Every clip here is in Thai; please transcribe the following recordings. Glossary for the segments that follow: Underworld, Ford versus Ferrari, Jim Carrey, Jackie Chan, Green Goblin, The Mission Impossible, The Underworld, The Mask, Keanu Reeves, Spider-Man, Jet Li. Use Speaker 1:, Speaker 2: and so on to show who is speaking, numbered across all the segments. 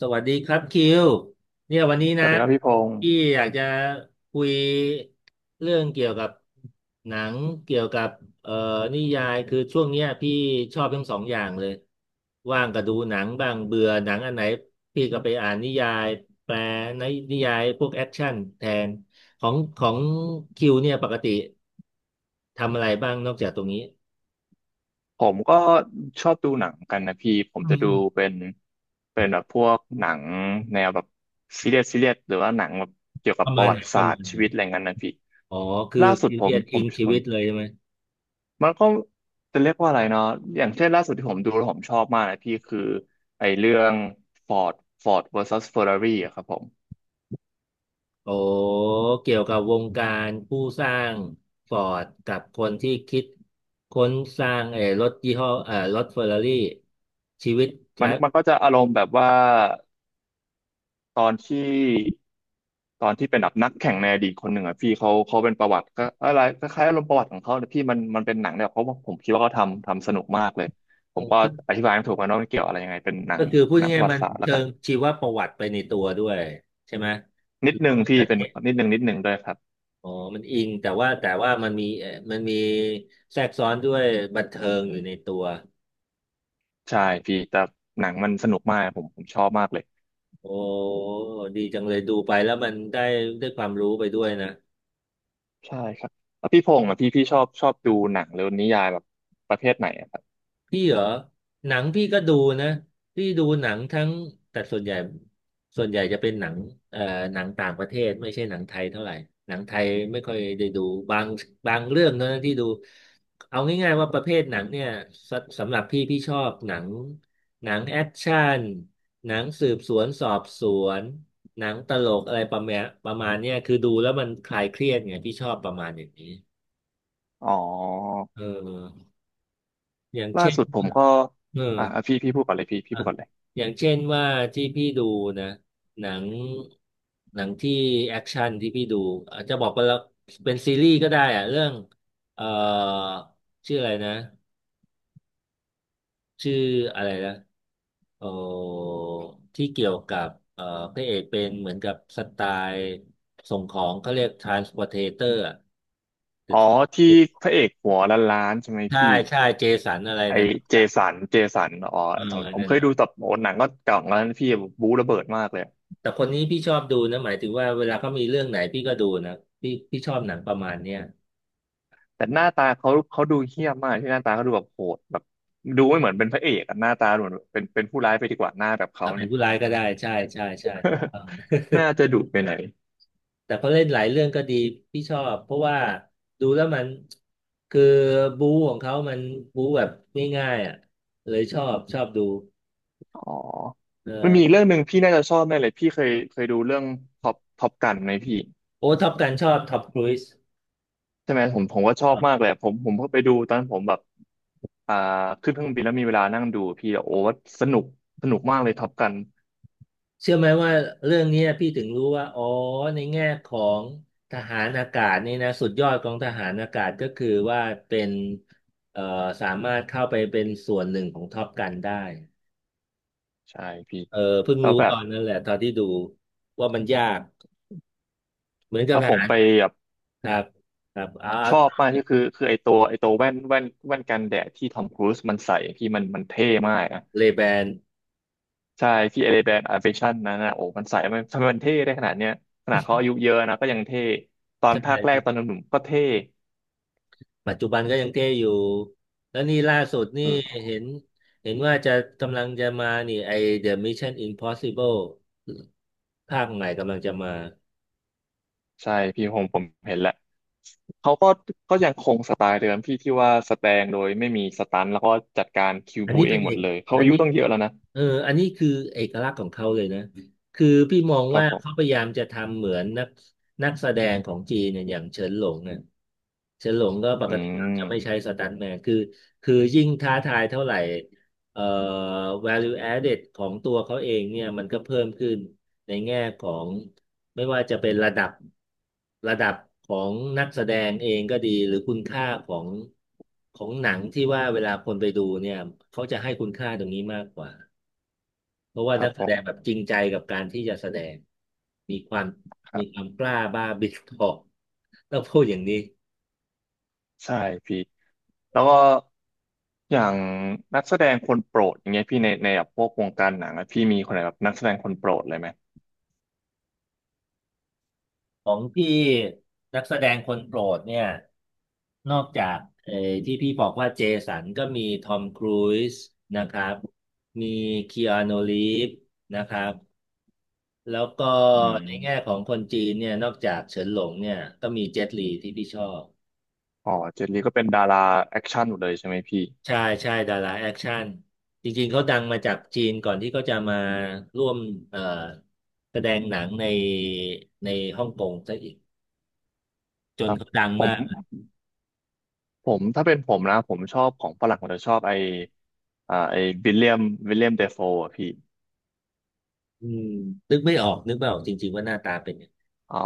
Speaker 1: สวัสดีครับคิวเนี่ยวันนี้
Speaker 2: สวั
Speaker 1: นะ
Speaker 2: สดีครับพี่พงศ์
Speaker 1: พี่อยากจะคุยเรื่องเกี่ยวกับหนังเกี่ยวกับเอ่อนิยายคือช่วงเนี้ยพี่ชอบทั้งสองอย่างเลยว่างก็ดูหนังบ้างเบื่อหนังอันไหนพี่ก็ไปอ่านนิยายแปลในนิยายพวกแอคชั่นแทนของคิวเนี่ยปกติทำอะไรบ้างนอกจากตรงนี้
Speaker 2: ผมก็ชอบดูหนังกันนะพี่ผม
Speaker 1: อื
Speaker 2: จะดู
Speaker 1: ม
Speaker 2: เป็นเป็นแบบพวกหนังแนวแบบซีเรียสซีเรียสหรือว่าหนังแบบเกี่ยวกั
Speaker 1: ป
Speaker 2: บ
Speaker 1: ระ
Speaker 2: ป
Speaker 1: มา
Speaker 2: ระ
Speaker 1: ณ
Speaker 2: วั
Speaker 1: ไหน
Speaker 2: ติ
Speaker 1: ป
Speaker 2: ศา
Speaker 1: ระ
Speaker 2: สต
Speaker 1: มาณ
Speaker 2: ร์ชี
Speaker 1: ไหน
Speaker 2: วิตอะไรเงี้ยนะพี่
Speaker 1: อ๋อคือ
Speaker 2: ล่าสุด
Speaker 1: ซี
Speaker 2: ผ
Speaker 1: เรี
Speaker 2: ม
Speaker 1: ยส
Speaker 2: ผ
Speaker 1: อิ
Speaker 2: ม
Speaker 1: งชี
Speaker 2: ผม
Speaker 1: วิตเลยใช่ไหม
Speaker 2: มันก็จะเรียกว่าอะไรเนาะอย่างเช่นล่าสุดที่ผมดูแล้วผมชอบมากนะพี่คือไอ้เรื่อง Ford Ford versus Ferrari อะครับผม
Speaker 1: โอ้เกี่ยวกับวงการผู้สร้างฟอร์ดกับคนที่คิดค้นสร้างเออรถยี่ห้อเออรถเฟอร์รารี่ชีวิตไล
Speaker 2: มัน
Speaker 1: ฟ์
Speaker 2: มันก็จะอารมณ์แบบว่า ตอนที่ตอนที่เป็นแบบนักแข่งในอดีตคนหนึ่งอ่ะพี่เขาเป็นประวัติก็อะไรคล้ายๆอารมณ์ประวัติของเขาแต่ยพี่มันเป็นหนังเนี่ยเพราะว่าผมคิดว่าเขาทำสนุกมากเลยผ
Speaker 1: เอ
Speaker 2: ม
Speaker 1: อ
Speaker 2: ก็
Speaker 1: ก็
Speaker 2: อธิบายไม่ถูกกันะว่ามันเกี่ยวอะไรยังไงเป็นหนั
Speaker 1: ก็
Speaker 2: ง
Speaker 1: คือพูด
Speaker 2: ป
Speaker 1: ง่า
Speaker 2: ระ
Speaker 1: ย
Speaker 2: วั
Speaker 1: ๆมั
Speaker 2: ติ
Speaker 1: น
Speaker 2: ศาสตร์แล้ว
Speaker 1: เชิ
Speaker 2: กัน
Speaker 1: งชีวประวัติไปในตัวด้วยใช่ไหมห
Speaker 2: นิ
Speaker 1: รื
Speaker 2: ด
Speaker 1: อ
Speaker 2: นึ
Speaker 1: ว่า
Speaker 2: ง
Speaker 1: เป็น
Speaker 2: พี่
Speaker 1: ประเท
Speaker 2: เป็น
Speaker 1: ศ
Speaker 2: นิดนึงด้วยครับ
Speaker 1: อ๋อมันอิงแต่ว่ามันมีมันมีแทรกซ้อนด้วยบันเทิงอยู่ในตัว
Speaker 2: ใช่พี่แต่หนังมันสนุกมากผมชอบมากเลย
Speaker 1: โอ้ดีจังเลยดูไปแล้วมันได้ได้ความรู้ไปด้วยนะ
Speaker 2: ใช่ครับแล้วพี่พงษ์อ่ะพี่ชอบดูหนังหรือนิยายแบบประเภทไหนอะครับ
Speaker 1: พี่เหรอหนังพี่ก็ดูนะพี่ดูหนังทั้งแต่ส่วนใหญ่ส่วนใหญ่จะเป็นหนังเอ่อหนังต่างประเทศไม่ใช่หนังไทยเท่าไหร่หนังไทยไม่ค่อยได้ดูบางบางเรื่องเท่านั้นที่ดูเอาง่ายๆว่าประเภทหนังเนี่ยสสำหรับพี่พี่ชอบหนังหนังแอคชั่นหนังสืบสวนสอบสวนหนังตลกอะไรประมาณประมาณเนี้ยคือดูแล้วมันคลายเครียดไงพี่ชอบประมาณอย่างนี้
Speaker 2: อ๋อ
Speaker 1: เอออย่าง
Speaker 2: ล่า
Speaker 1: เช่น
Speaker 2: สุดผมก็
Speaker 1: เออ
Speaker 2: พี่
Speaker 1: อ่ะ
Speaker 2: พูดก่อนเลย
Speaker 1: อย่างเช่นว่าที่พี่ดูนะหนังหนังที่แอคชั่นที่พี่ดูอาจจะบอกไปแล้วเป็นซีรีส์ก็ได้อะเรื่องเอ่อชื่ออะไรนะชื่ออะไรนะเอ่อที่เกี่ยวกับพระเอกเป็นเหมือนกับสไตล์ส่งของเขาเรียกทรานสปอ r t เตอร์อ่ะ
Speaker 2: อ๋อที่พระเอกหัวล้านๆใช่ไหม
Speaker 1: ใช่
Speaker 2: พี่
Speaker 1: ใช่เจสันอะไร
Speaker 2: ไอ
Speaker 1: นั่นทุกอ
Speaker 2: เจ
Speaker 1: ย่าง
Speaker 2: สันเจสันอ๋อ
Speaker 1: เออ
Speaker 2: ผม
Speaker 1: นั่น
Speaker 2: เคย
Speaker 1: นะ
Speaker 2: ดูแต่โอ้หนังก็เก่าแล้วนะพี่บู๊ระเบิดมากเลย
Speaker 1: แต่คนนี้พี่ชอบดูนะหมายถึงว่าเวลาเขามีเรื่องไหนพี่ก็ดูนะพี่ชอบหนังประมาณเนี้ย
Speaker 2: แต่หน้าตาเขาดูเหี้ยมมากที่หน้าตาเขาดูแบบโหดแบบดูไม่เหมือนเป็นพระเอกอะหน้าตาดูเหมือนเป็นผู้ร้ายไปดีกว่าหน้าแบบเขา
Speaker 1: อ่ะเป็น
Speaker 2: เนี่ย
Speaker 1: ผู้ร้ายก็ได้ใช่ใช่ใช่ถูกต้อง
Speaker 2: น่าจะดุไปไหนอย
Speaker 1: แต่เขาเล่นหลายเรื่องก็ดีพี่ชอบเพราะว่าดูแล้วมันคือบู๊ของเขามันบู๊แบบง่ายๆอ่ะเลยชอบชอบดู
Speaker 2: อ๋อ
Speaker 1: เอ
Speaker 2: มันมีอีก
Speaker 1: อ
Speaker 2: เรื่องหนึ่งพี่น่าจะชอบแน่เลยพี่เคยดูเรื่องท็อปกันไหมพี่
Speaker 1: โอ้ท็อปกันชอบท็อปครูซ
Speaker 2: ใช่ไหมผมก็ชอบมากเลยอะผมก็ไปดูตอนผมแบบ อ่าขึ้นเครื่องบินแล้วมีเวลานั่งดูพี่โอ้สนุกมากเลยท็อปกัน
Speaker 1: เชื่อไหมว่าเรื่องเนี้ยพี่ถึงรู้ว่าอ๋อในแง่ของทหารอากาศนี่นะสุดยอดของทหารอากาศก็คือว่าเป็นเอ่อสามารถเข้าไปเป็นส่วนหนึ่งของท็อปกันได้
Speaker 2: ใช่พี่
Speaker 1: เออเพิ่ง
Speaker 2: แล้ว
Speaker 1: รู้
Speaker 2: แบ
Speaker 1: ต
Speaker 2: บ
Speaker 1: อนนั้นแหละตอนที่ดูว่ามันยากเหมือนกับ
Speaker 2: แล้ว
Speaker 1: ท
Speaker 2: ผม
Speaker 1: หาร
Speaker 2: ไปแบบ
Speaker 1: ครับครับอา
Speaker 2: ช
Speaker 1: ร์ต
Speaker 2: อบมากก็คือคือไอตัวแว่นกันแดดที่ทอมครูซมันใส่พี่มันเท่มากนะ
Speaker 1: เลแบน
Speaker 2: ใช่ที่เอเลแบนอ a ร i เฟชันนั้นนะโอ้มันใส่มันทำไมมันเท่ได้ขนาดเนี้ยขนาดเขาอายุเยอะนะก็ยังเท่ตอ
Speaker 1: ใช
Speaker 2: นภาคแรก
Speaker 1: ่
Speaker 2: ตอนหนุ่มๆก็เท่
Speaker 1: ปัจจุบันก็ยังเท่อยู่ แล้วนี่ล่าสุดนี่เห็นเห็นว่าจะกำลังจะมานี่ไอ The Mission Impossible ภาคใหม่กำลังจะมา
Speaker 2: ใช่พี่ผมเห็นแหละเขาก็ก็ยังคงสไตล์เดิมพี่ที่ว่าสแตงโดยไม่มีสตันแล้วก็จัดการคิว
Speaker 1: อัน
Speaker 2: บู
Speaker 1: นี้
Speaker 2: เอ
Speaker 1: เป็
Speaker 2: ง
Speaker 1: น
Speaker 2: หม
Speaker 1: เอ
Speaker 2: ด
Speaker 1: ก
Speaker 2: เลยเขา
Speaker 1: อั
Speaker 2: อา
Speaker 1: น
Speaker 2: ยุ
Speaker 1: นี้
Speaker 2: ต้องเยอะแล้วนะ
Speaker 1: เอออันนี้คือเอกลักษณ์ของเขาเลยนะคือพี่มอง
Speaker 2: ครั
Speaker 1: ว่า
Speaker 2: บผม
Speaker 1: เขาพยายามจะทำเหมือนนักนักแสดงของจีนเนี่ยอย่างเฉินหลงเนี่ยเฉินหลงก็ป
Speaker 2: อื
Speaker 1: กติจะไม่ใช้
Speaker 2: ม
Speaker 1: สตันต์แมนคือยิ่งท้าทายเท่าไหร่เอ่อ value added ของตัวเขาเองเนี่ยมันก็เพิ่มขึ้นในแง่ของไม่ว่าจะเป็นระดับระดับของนักแสดงเองก็ดีหรือคุณค่าของของหนังที่ว่าเวลาคนไปดูเนี่ยเขาจะให้คุณค่าตรงนี้มากกว่า เพราะว่า
Speaker 2: ครั
Speaker 1: นั
Speaker 2: บ
Speaker 1: กแส
Speaker 2: ผ
Speaker 1: ด
Speaker 2: ม
Speaker 1: งแบบจริงใจกับการที่จะแสดงมีความ
Speaker 2: ครั
Speaker 1: มีควา
Speaker 2: บ
Speaker 1: มกล้าบ้าบิดทอกต้องพูดอย่างนี้
Speaker 2: ใช่พี่แล้วก็อย่างนักแสดงคนโปรดอย่างเงี้ยพี่ในแบบพวกวงการหนังอะพี่มีคนไหนแบบนักแสดงคนโปรดเลยไหม
Speaker 1: ของพี่นักแสดงคนโปรดเนี่ยนอกจากที่พี่บอกว่าเจสันก็มีทอมครูซนะครับมีคีอานูรีฟนะครับแล้วก็
Speaker 2: อื
Speaker 1: ในแง่
Speaker 2: ม
Speaker 1: ของคนจีนเนี่ยนอกจากเฉินหลงเนี่ยก็มีเจ็ตลีที่พี่ชอบ
Speaker 2: อ๋อเจนลีก็เป็นดาราแอคชั่นหมดเลยใช่ไหมพี่
Speaker 1: ใช่ใช่ดาราแอคชั่นจริงๆเขาดังมาจากจีนก่อนที่เขาจะมาร่วมเอ่อแสดงหนังในฮ่องกงซะอีกจ
Speaker 2: ค
Speaker 1: น
Speaker 2: รับ
Speaker 1: เขาดัง
Speaker 2: ผ
Speaker 1: มาก
Speaker 2: ม ถ้าเป็นผมนะผมชอบของฝรั่งผมจะชอบไอไอวิลเลียมวิลเลียมเดฟโฟอ่ะพี่
Speaker 1: อืมนึกไม่ออกนึกไม่ออกจริงๆว่าหน้าตาเป็นยังไง
Speaker 2: อ๋อ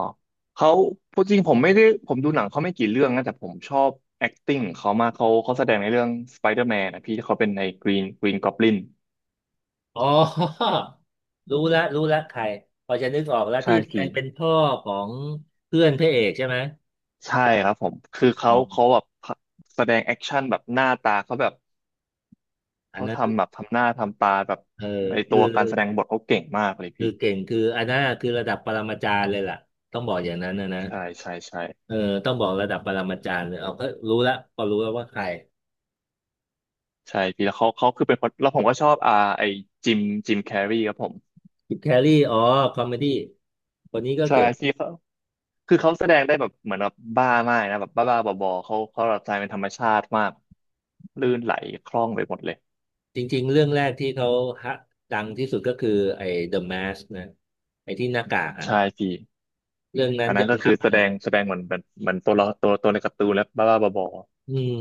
Speaker 2: เขาพูดจริงผมไม่ได้ผมดูหนังเขาไม่กี่เรื่องนะแต่ผมชอบ acting ของเขามากเขาแสดงในเรื่อง Spider-Man นะพี่ที่เขาเป็นใน Green Goblin
Speaker 1: อ๋อ รู้ละรู้ละใครพอจะนึกออกแล้ว
Speaker 2: ใช่
Speaker 1: ที่แสด
Speaker 2: พี่
Speaker 1: งเป็นพ่อของเพื่อนพระเอกใช่ไหม
Speaker 2: ใช่ครับผมคือ
Speaker 1: อ๋
Speaker 2: เขา
Speaker 1: อ
Speaker 2: เขาแบบแสดงแอคชั่นแบบหน้าตาเขาแบบ
Speaker 1: อัน
Speaker 2: เขา
Speaker 1: นั้น
Speaker 2: ทำแบบทำหน้าทำตาแบบ
Speaker 1: เออ
Speaker 2: ในตั
Speaker 1: คือ
Speaker 2: วการแสดงบทเขาเก่งมากเลย
Speaker 1: คื
Speaker 2: พี่
Speaker 1: อเก่งคืออันนั้นคือระดับปรมาจารย์เลยล่ะต้องบอกอย่างนั้นนะนะ
Speaker 2: ใช่ใช่ใช่
Speaker 1: เออต้องบอกระดับปรมาจารย์เลยเอาก็รู้แล้วพอรู้แล้วว่าใคร
Speaker 2: ใช่พี่แล้วเขาคือเป็นคนแล้วผมก็ชอบอ่าไอจิมจิมแคร์รีครับผม
Speaker 1: จิบแครรี่อ๋อคอมเมดี้คนนี้ก็
Speaker 2: ใช่
Speaker 1: เก่ง
Speaker 2: ที่เขาคือเขาแสดงได้แบบเหมือนแบบบ้ามากนะแบบบ้าๆบอๆเขาหลับใจเป็นธรรมชาติมากลื่นไหลคล่องไปหมดเลย
Speaker 1: จริงๆเรื่องแรกที่เขาฮะดังที่สุดก็คือไอ้ The Mask นะไอ้ที่หน้ากากอะ
Speaker 2: ใช่พี่
Speaker 1: เรื่องนั้น
Speaker 2: อัน
Speaker 1: ย
Speaker 2: นั้น
Speaker 1: อ
Speaker 2: ก็
Speaker 1: มรั
Speaker 2: คือ
Speaker 1: บ
Speaker 2: แส
Speaker 1: เล
Speaker 2: ด
Speaker 1: ย
Speaker 2: งเหมือนแบบเหมือนตัวละตัวในการ์ตูนแล้วบ้าๆบอ
Speaker 1: อืม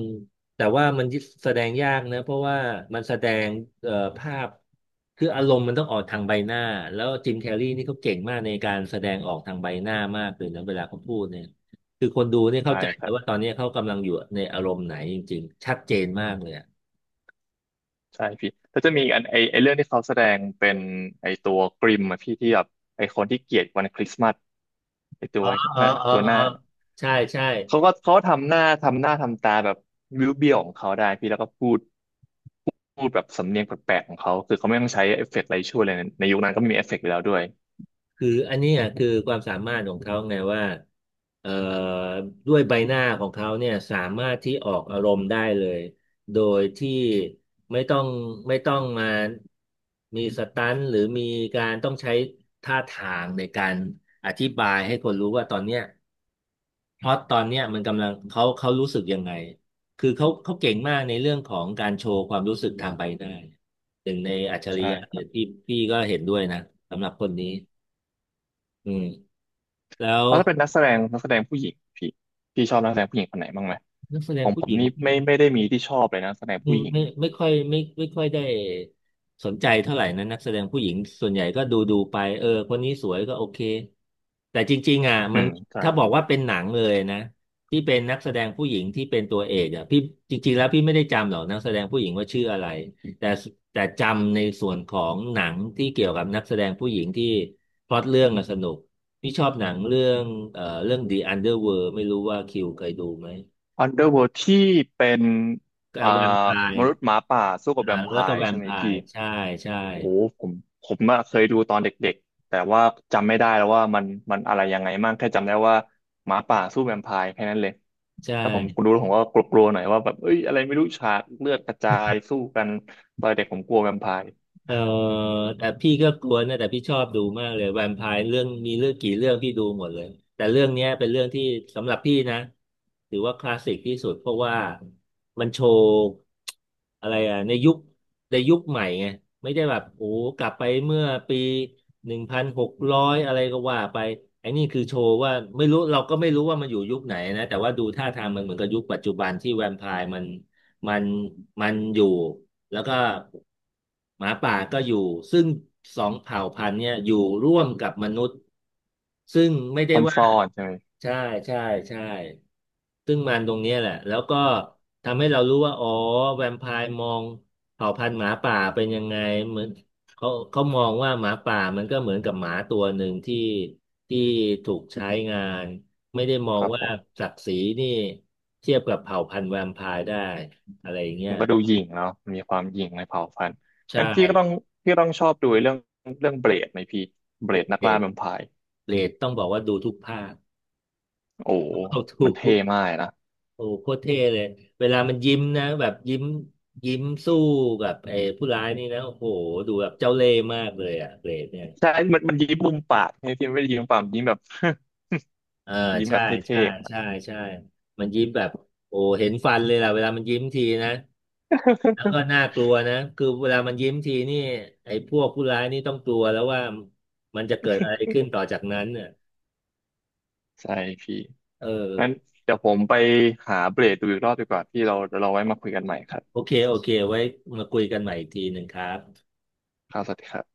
Speaker 1: แต่ว่ามันแสดงยากนะเพราะว่ามันแสดงภาพคืออารมณ์มันต้องออกทางใบหน้าแล้วจิมแคร์รีนี่เขาเก่งมากในการแสดงออกทางใบหน้ามากเลยนะเวลาเขาพูดเนี่ยคือคนดูเนี่ย
Speaker 2: ๆ
Speaker 1: เข้า
Speaker 2: ใช่
Speaker 1: ใจ
Speaker 2: ค
Speaker 1: แต่
Speaker 2: รั
Speaker 1: ว่า
Speaker 2: บ
Speaker 1: ตอนนี้เขากำลังอยู่ในอารมณ์ไหนจริงๆชัดเจนมากเลยอะ
Speaker 2: ใช่พี่แล้วจะมีอกอันไอเรื่องที่เขาแสดงเป็นไอตัวกริมอะพี่ที่แบบไอคนที่เกลียดวันคริสต์มาสไอตั
Speaker 1: อ๋
Speaker 2: ว
Speaker 1: ออ๋อ
Speaker 2: หน้า
Speaker 1: อ๋อ
Speaker 2: ตัวหน้า
Speaker 1: อ๋อใช่ใช่
Speaker 2: เขาก็เขาทำหน้าทำตาแบบวิวเบี้ยวๆของเขาได้พี่แล้วก็พูดแบบสำเนียงแปลกๆของเขาคือเขาไม่ต้องใช้เอฟเฟกต์อะไรช่วยเลยนะในยุคนั้นก็ไม่มีเอฟเฟกต์อยู่แล้วด้วย
Speaker 1: คืออันเนี้ยคือความสามารถของเขาไงว่าเอ่อด้วยใบหน้าของเขาเนี่ยสามารถที่ออกอารมณ์ได้เลยโดยที่ไม่ต้องไม่ต้องมามีสตันท์หรือมีการต้องใช้ท่าทางในการอธิบายให้คนรู้ว่าตอนเนี้ยเพราะตตอนเนี้ยมันกำลังเขารู้สึกยังไงคือเขาเก่งมากในเรื่องของการโชว์ความรู้สึกทางใบหน้าหนึ่งในอัจฉริ
Speaker 2: ใช่
Speaker 1: ยะ
Speaker 2: ค
Speaker 1: เนี่
Speaker 2: รั
Speaker 1: ย
Speaker 2: บ
Speaker 1: ที่พี่ก็เห็นด้วยนะสำหรับคนนี้อืม แล้ว
Speaker 2: แล้วถ้าเป็นนักแสดงผู้หญิงพี่พี่ชอบนักแสดงผู้หญิงคนไหนบ้างไหม
Speaker 1: นักแสด
Speaker 2: ข
Speaker 1: ง
Speaker 2: องผ
Speaker 1: ผู้
Speaker 2: ม
Speaker 1: หญิง
Speaker 2: นี่
Speaker 1: ที่
Speaker 2: ไม่ได้มีที่ชอบเลยนะนักแสดงผู้หญิง
Speaker 1: ไม่ค่อยไม่ไม่ค่อยได้สนใจเท่าไหร่นะนักแสดงผู้หญิงส่วนใหญ่ก็ดูไปเออคนนี้สวยก็โอเคแต่จริงๆอ่ะ
Speaker 2: อื
Speaker 1: มัน
Speaker 2: มใช่
Speaker 1: ถ้าบอก
Speaker 2: พี่
Speaker 1: ว่าเป็นหนังเลยนะที่เป็นนักแสดงผู้หญิงที่เป็นตัวเอกอ่ะพี่จริงๆแล้วพี่ไม่ได้จำหรอกนักแสดงผู้หญิงว่าชื่ออะไรแต่แต่จำในส่วนของหนังที่เกี่ยวกับนักแสดงผู้หญิงที่พล็อตเรื่องอะสนุกพี่ชอบหนังเรื่องเรื่อง The Underworld ไม่รู้ว่าคิวเคยดูไหม
Speaker 2: Underworld ที่เป็น
Speaker 1: กับ
Speaker 2: อ่
Speaker 1: แวมไพ
Speaker 2: า
Speaker 1: ร
Speaker 2: ม
Speaker 1: ์
Speaker 2: นุษย์หมาป่าสู้กับแว
Speaker 1: อ่า
Speaker 2: มไพ
Speaker 1: แล้วก็แว
Speaker 2: ร์ใช่
Speaker 1: ม
Speaker 2: ไหม
Speaker 1: ไพ
Speaker 2: พี่
Speaker 1: ร์ใช่ใช่
Speaker 2: โอ้ผมอะเคยดูตอนเด็กๆแต่ว่าจำไม่ได้แล้วว่ามันมันอะไรยังไงมั่งแค่จำได้ว่าหมาป่าสู้แวมไพร์แค่นั้นเลย
Speaker 1: ใ
Speaker 2: แล้วผม
Speaker 1: ช่
Speaker 2: ดูแล้วผมก็กลัวๆหน่อยว่าแบบเอ้ยอะไรไม่รู้ฉากเลือดกระจายสู้กันตอนเด็กผมกลัวแวมไพร์
Speaker 1: เออแต่พี่ก็กลัวนะแต่พี่ชอบดูมากเลยแวมไพร์เรื่องมีเรื่องกี่เรื่องพี่ดูหมดเลยแต่เรื่องเนี้ยเป็นเรื่องที่สำหรับพี่นะถือว่าคลาสสิกที่สุดเพราะว่ามันโชว์อะไรอ่ะในยุคใหม่ไงไม่ได้แบบโอ้กลับไปเมื่อปี1600อะไรก็ว่าไปไอ้นี่คือโชว์ว่าไม่รู้เราก็ไม่รู้ว่ามันอยู่ยุคไหนนะแต่ว่าดูท่าทางมันเหมือนกับยุคปัจจุบันที่แวมไพร์มันมันอยู่ แล้วก็หมาป่าก็อยู่ซึ่งสองเผ่าพันธุ์เนี่ยอยู่ร่วมกับมนุษย์ซึ่งไม่ได้ว่า
Speaker 2: ซ่อนๆใช่ไหม
Speaker 1: ใช่ใช่ใช่ซึ่งมันตรงเนี้ยแหละแล้วก็ทำให้เรารู้ว่าอ๋อแวมไพร์มองเผ่าพันธุ์หมาป่าเป็นยังไงเหมือนเขามองว่าหมาป่ามันก็เหมือนกับหมาตัวหนึ่งที่ถูกใช้งานไม่ได้มอ
Speaker 2: ค
Speaker 1: ง
Speaker 2: รับผ
Speaker 1: ว่า
Speaker 2: ม
Speaker 1: ศักดิ์ศรีนี่เทียบกับเผ่าพันธุ์แวมไพร์ได้อะไรอย่างเงี้ย
Speaker 2: มันก็ดูหยิ่งเนาะมีความหยิ่งในเผ่าพันธุ์
Speaker 1: ใช่
Speaker 2: งั้นพี่ก็ต้องพี่ต้องชอบดูเรื่องเบลดไหมพี่เบ
Speaker 1: โอ
Speaker 2: ลดนั
Speaker 1: เค
Speaker 2: กล่า
Speaker 1: ด
Speaker 2: แวมไพร์
Speaker 1: เรดต้องบอกว่าดูทุกภาค
Speaker 2: โอ้
Speaker 1: เอาทุ
Speaker 2: มัน
Speaker 1: ก
Speaker 2: เท่มากนะ
Speaker 1: โอ้โหคตรเท่เลย เวลามันยิ้มนะแบบยิ้มสู้กับไอ้ผู้ร้ายนี่นะโอ้โหดูแบบเจ้าเล่ห์มากเลยอะเรดเนี่ย
Speaker 2: ใช่มันยิ้มมุมปากใช่ไหมพี่มันไม่ได้ยิ้มมุมปากมันยิ้มแบบ
Speaker 1: เออ
Speaker 2: ยิ้ม
Speaker 1: ใช่
Speaker 2: แบบ
Speaker 1: ใช่
Speaker 2: เท่ๆมัน
Speaker 1: ใช่ใช่มันยิ้มแบบโอ้เห็นฟันเลยล่ะเวลามันยิ้มทีนะแล้วก็ น่ากลัวนะคือเวลามันยิ้มทีนี่ไอ้พวกผู้ร้ายนี่ต้องกลัวแล้วว่ามันจะเกิดอะไรขึ้นต่อจากนั้นเน่ะ
Speaker 2: ใช่พี่
Speaker 1: เออ
Speaker 2: งั้นเดี๋ยวผมไปหาเบรดดูอีกรอบดีกว่าพี่เราไว้มาคุยกันใหม่ครั
Speaker 1: โอ
Speaker 2: บ
Speaker 1: เคโอเคไว้มาคุยกันใหม่อีกทีหนึ่งครับ
Speaker 2: ครับสวัสดีครับ